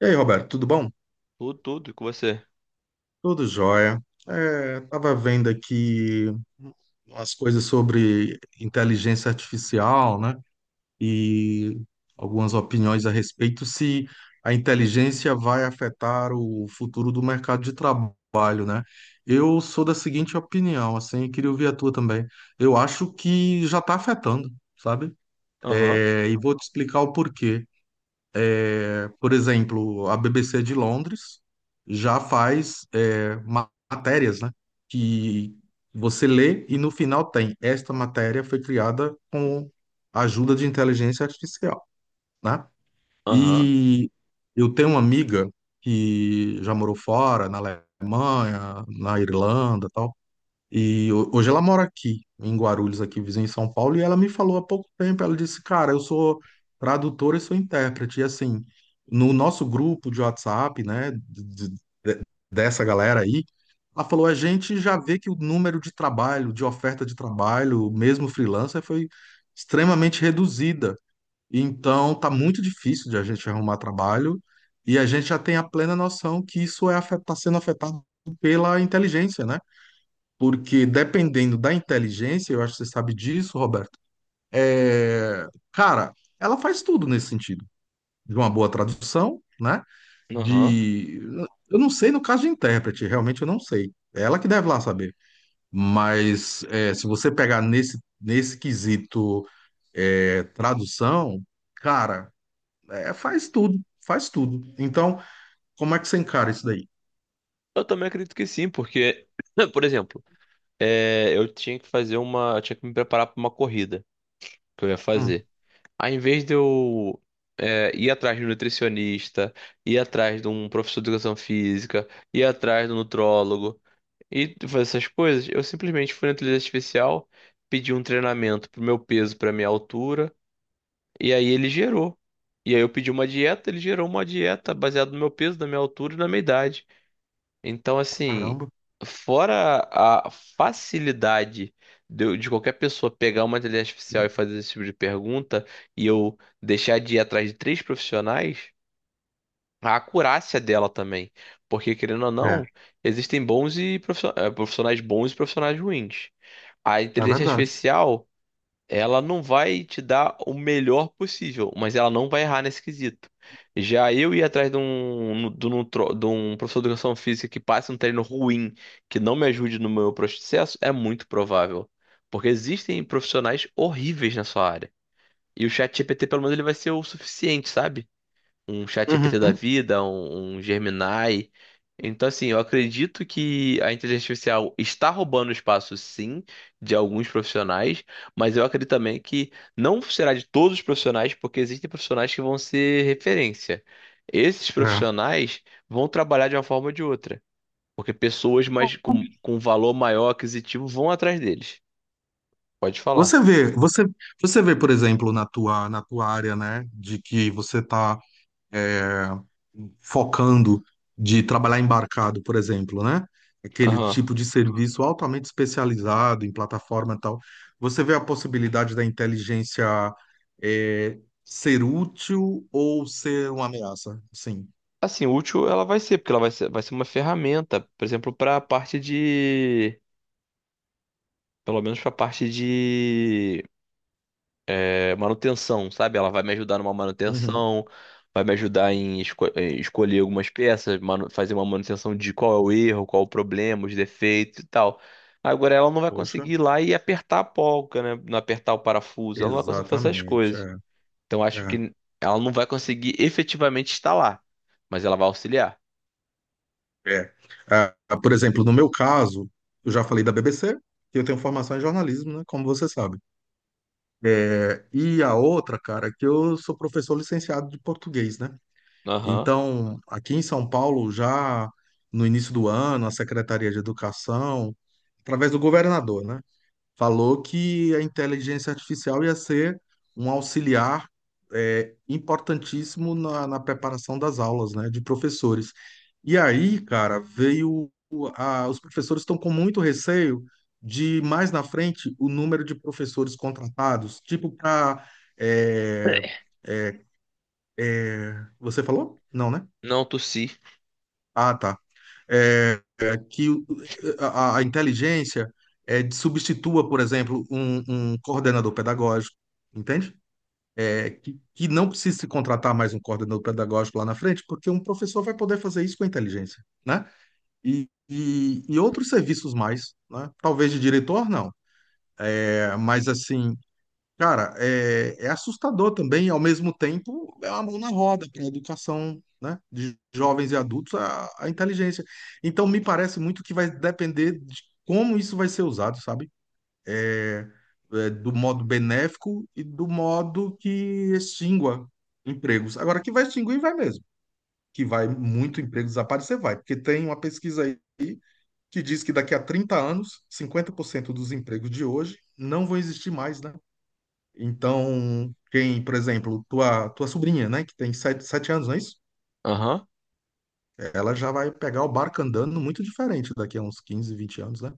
E aí, Roberto, tudo bom? Tudo, tudo com você. Tudo jóia. Tava vendo aqui umas coisas sobre inteligência artificial, né? E algumas opiniões a respeito se a inteligência vai afetar o futuro do mercado de trabalho, né? Eu sou da seguinte opinião, assim, e queria ouvir a tua também. Eu acho que já está afetando, sabe? Aham, E vou te explicar o porquê. Por exemplo, a BBC de Londres já faz matérias, né? Que você lê e no final tem esta matéria foi criada com a ajuda de inteligência artificial, né? aham, E eu tenho uma amiga que já morou fora, na Alemanha, na Irlanda, tal. E hoje ela mora aqui, em Guarulhos, aqui vizinho em São Paulo, e ela me falou há pouco tempo, ela disse, cara, eu sou tradutora e sou intérprete. E assim, no nosso grupo de WhatsApp, né, dessa galera aí, ela falou, a gente já vê que o número de trabalho, de oferta de trabalho, mesmo freelancer, foi extremamente reduzida. Então, tá muito difícil de a gente arrumar trabalho, e a gente já tem a plena noção que isso tá sendo afetado pela inteligência, né? Porque dependendo da inteligência, eu acho que você sabe disso, Roberto. é, Cara, ela faz tudo nesse sentido, de uma boa tradução, né? aham. De, eu não sei no caso de intérprete, realmente eu não sei. É ela que deve lá saber. Mas se você pegar nesse quesito tradução, cara, faz tudo, faz tudo. Então, como é que você encara isso daí? Eu também acredito que sim, porque, por exemplo, eu tinha que fazer uma. Eu tinha que me preparar para uma corrida que eu ia Hum, fazer. Aí, em vez de eu ir atrás de um nutricionista, ir atrás de um professor de educação física, ir atrás do nutrólogo e fazer essas coisas, eu simplesmente fui na inteligência artificial, pedi um treinamento pro meu peso, pra minha altura. E aí ele gerou. E aí eu pedi uma dieta, ele gerou uma dieta baseada no meu peso, na minha altura e na minha idade. Então, assim, Caramba, fora a facilidade de qualquer pessoa pegar uma inteligência artificial e fazer esse tipo de pergunta, e eu deixar de ir atrás de três profissionais, a acurácia dela também. Porque, querendo ou é, não, existem bons e profissio- eh, profissionais bons e profissionais ruins. A é inteligência verdade. artificial. Ela não vai te dar o melhor possível, mas ela não vai errar nesse quesito. Já eu ir atrás de um professor de educação física que passe um treino ruim, que não me ajude no meu processo, é muito provável. Porque existem profissionais horríveis na sua área. E o ChatGPT, pelo menos, ele vai ser o suficiente, sabe? Um ChatGPT da Uhum, vida, um Gemini. Então, assim, eu acredito que a inteligência artificial está roubando espaço, sim, de alguns profissionais, mas eu acredito também que não será de todos os profissionais, porque existem profissionais que vão ser referência. Esses é. profissionais vão trabalhar de uma forma ou de outra, porque pessoas mais com valor maior aquisitivo vão atrás deles. Pode falar. Você vê, por exemplo, na tua área, né, de que você está focando de trabalhar embarcado, por exemplo, né, aquele Aham. tipo de serviço altamente especializado em plataforma e tal. Você vê a possibilidade da inteligência é, ser útil ou ser uma ameaça? Sim. Assim, útil ela vai ser, porque ela vai ser uma ferramenta, por exemplo, para a parte de. Pelo menos pra parte de manutenção, sabe? Ela vai me ajudar numa Uhum. manutenção, vai me ajudar em, em escolher algumas peças, fazer uma manutenção de qual é o erro, qual é o problema, os defeitos e tal. Agora ela não vai Poxa, conseguir ir lá e apertar a polca, né? Não apertar o parafuso, ela não vai conseguir fazer essas exatamente. coisas. Então É, acho é. que ela não vai conseguir efetivamente instalar, mas ela vai auxiliar. É. Ah, por exemplo, no meu caso, eu já falei da BBC, que eu tenho formação em jornalismo, né, como você sabe. E a outra, cara, é que eu sou professor licenciado de português, né? Aham. Então, aqui em São Paulo, já no início do ano, a Secretaria de Educação, através do governador, né, falou que a inteligência artificial ia ser um auxiliar importantíssimo na preparação das aulas, né, de professores. E aí, cara, veio os professores estão com muito receio de mais na frente o número de professores contratados, tipo para você falou? Não, né? Não tossi. Ah, tá. Que a inteligência substitua, por exemplo, um coordenador pedagógico, entende? Que não precisa se contratar mais um coordenador pedagógico lá na frente, porque um professor vai poder fazer isso com a inteligência, né? E outros serviços mais, né? Talvez de diretor, não. Mas, assim, cara, é assustador também, ao mesmo tempo, é uma mão na roda para a educação, né, de jovens e adultos, a inteligência. Então, me parece muito que vai depender de como isso vai ser usado, sabe? É, do modo benéfico e do modo que extingua empregos. Agora, que vai extinguir, vai mesmo. Que vai muito emprego desaparecer, vai. Porque tem uma pesquisa aí que diz que daqui a 30 anos, 50% dos empregos de hoje não vão existir mais, né? Então, quem, por exemplo, tua sobrinha, né, que tem sete anos, não é isso? Aham. Ela já vai pegar o barco andando muito diferente daqui a uns 15, 20 anos, né?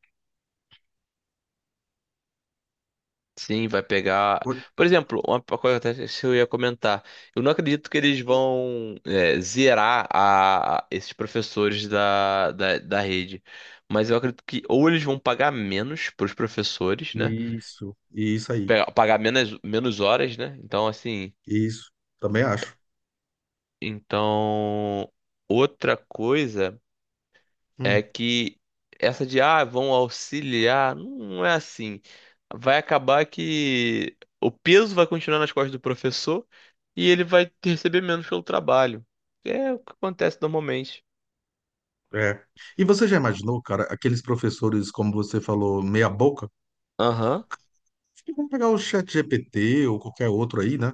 Sim, vai pegar. Oi. Por exemplo, uma coisa até que eu ia comentar. Eu não acredito que eles vão zerar esses professores da rede. Mas eu acredito que ou eles vão pagar menos para os professores, né? Isso aí, Pagar menos, menos horas, né? Então, assim. isso, também acho. Então, outra coisa é Hum, que essa de ah, vão auxiliar, não é assim. Vai acabar que o peso vai continuar nas costas do professor, e ele vai receber menos pelo trabalho. É o que acontece normalmente. é. E você já imaginou, cara, aqueles professores, como você falou, meia boca? Aham, Acho que vão pegar o Chat GPT ou qualquer outro aí, né?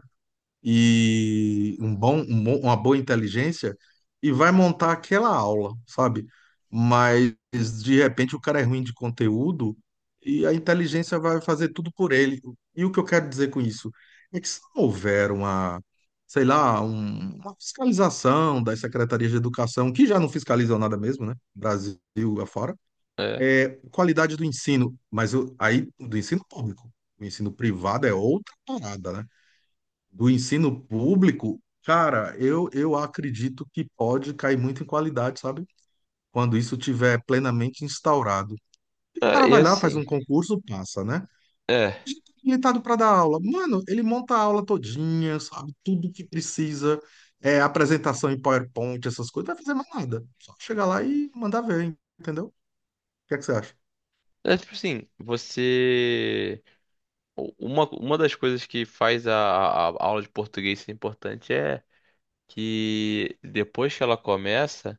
E uma boa inteligência e vai montar aquela aula, sabe? Mas de repente o cara é ruim de conteúdo e a inteligência vai fazer tudo por ele. E o que eu quero dizer com isso é que se não houver sei lá, uma fiscalização das secretarias de educação, que já não fiscalizam nada mesmo, né? Brasil afora, é. é qualidade do ensino, mas aí do ensino público. O ensino privado é outra parada, né? Do ensino público, cara, eu acredito que pode cair muito em qualidade, sabe? Quando isso tiver plenamente instaurado. O Ah, cara e vai lá, faz assim, um concurso, passa, né? é. Habilitado para dar aula. Mano, ele monta a aula todinha, sabe? Tudo que precisa, apresentação em PowerPoint, essas coisas, não vai fazer mais nada. Só chegar lá e mandar ver, entendeu? O que é que você acha? É tipo assim, você. Uma das coisas que faz a aula de português ser importante é que depois que ela começa.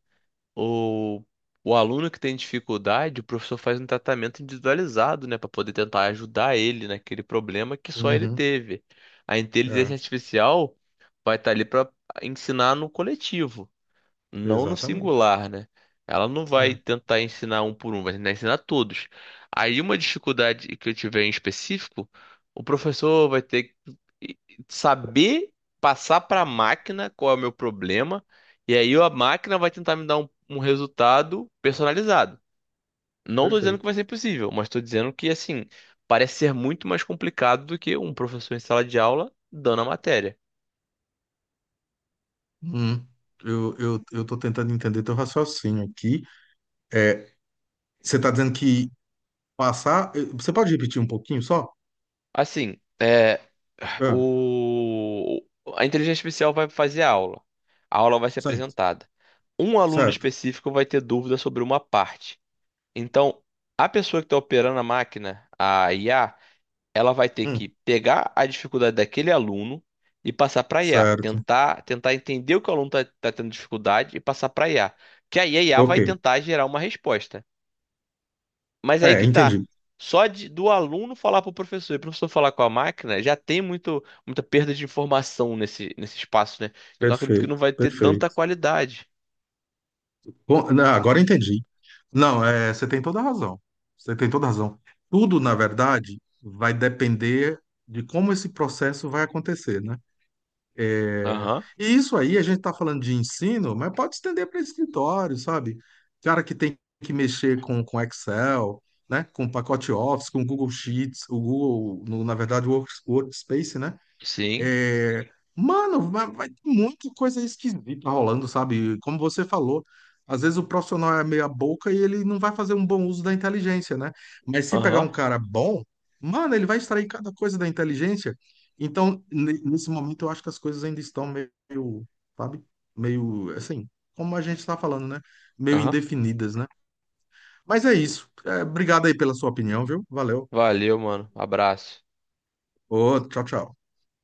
O, o aluno que tem dificuldade, o professor faz um tratamento individualizado, né, para poder tentar ajudar ele naquele problema que só ele Uhum, teve. A inteligência é, artificial vai estar ali para ensinar no coletivo, não no exatamente. singular, né? Ela não vai É, tentar ensinar um por um, vai tentar ensinar todos. Aí uma dificuldade que eu tiver em específico, o professor vai ter que saber passar para a máquina qual é o meu problema, e aí a máquina vai tentar me dar um resultado personalizado. Não estou dizendo que Perfeito. vai ser impossível, mas estou dizendo que assim, parece ser muito mais complicado do que um professor em sala de aula dando a matéria. Hum, eu tô tentando entender teu raciocínio aqui. É, Você está dizendo que passar. Você pode repetir um pouquinho só? Assim, Ah, o, a inteligência artificial vai fazer a aula. A aula vai ser certo, apresentada. Um aluno certo. específico vai ter dúvida sobre uma parte. Então, a pessoa que está operando a máquina, a IA, ela vai ter Hum, que pegar a dificuldade daquele aluno e passar para a IA. certo. Tentar entender o que o aluno está tendo dificuldade e passar para a IA. Que aí a IA vai Ok. tentar gerar uma resposta. Mas aí que tá. Entendi. Só do aluno falar para o professor e o professor falar com a máquina, já tem muita perda de informação nesse espaço, né? Então acredito que não Perfeito, vai ter tanta perfeito. qualidade. Bom, não, agora entendi. Não, você tem toda a razão. Você tem toda a razão. Tudo, na verdade, vai depender de como esse processo vai acontecer, né? É, Aham, E isso aí, a gente está falando de ensino, mas pode estender para escritório, sabe? Cara que tem que mexer com Excel, né? Com pacote Office, com Google Sheets, o Google, na verdade, o Workspace, né? sim. Mano, vai ter muita coisa esquisita rolando, sabe? Como você falou, às vezes o profissional é meia boca e ele não vai fazer um bom uso da inteligência, né? Mas se pegar Aham, um cara bom, mano, ele vai extrair cada coisa da inteligência. Então, nesse momento, eu acho que as coisas ainda estão meio, sabe? Meio, assim, como a gente está falando, né? Meio aham. indefinidas, né? Mas é isso. Obrigado aí pela sua opinião, viu? Valeu. Valeu, mano. Abraço. Ô, tchau, tchau.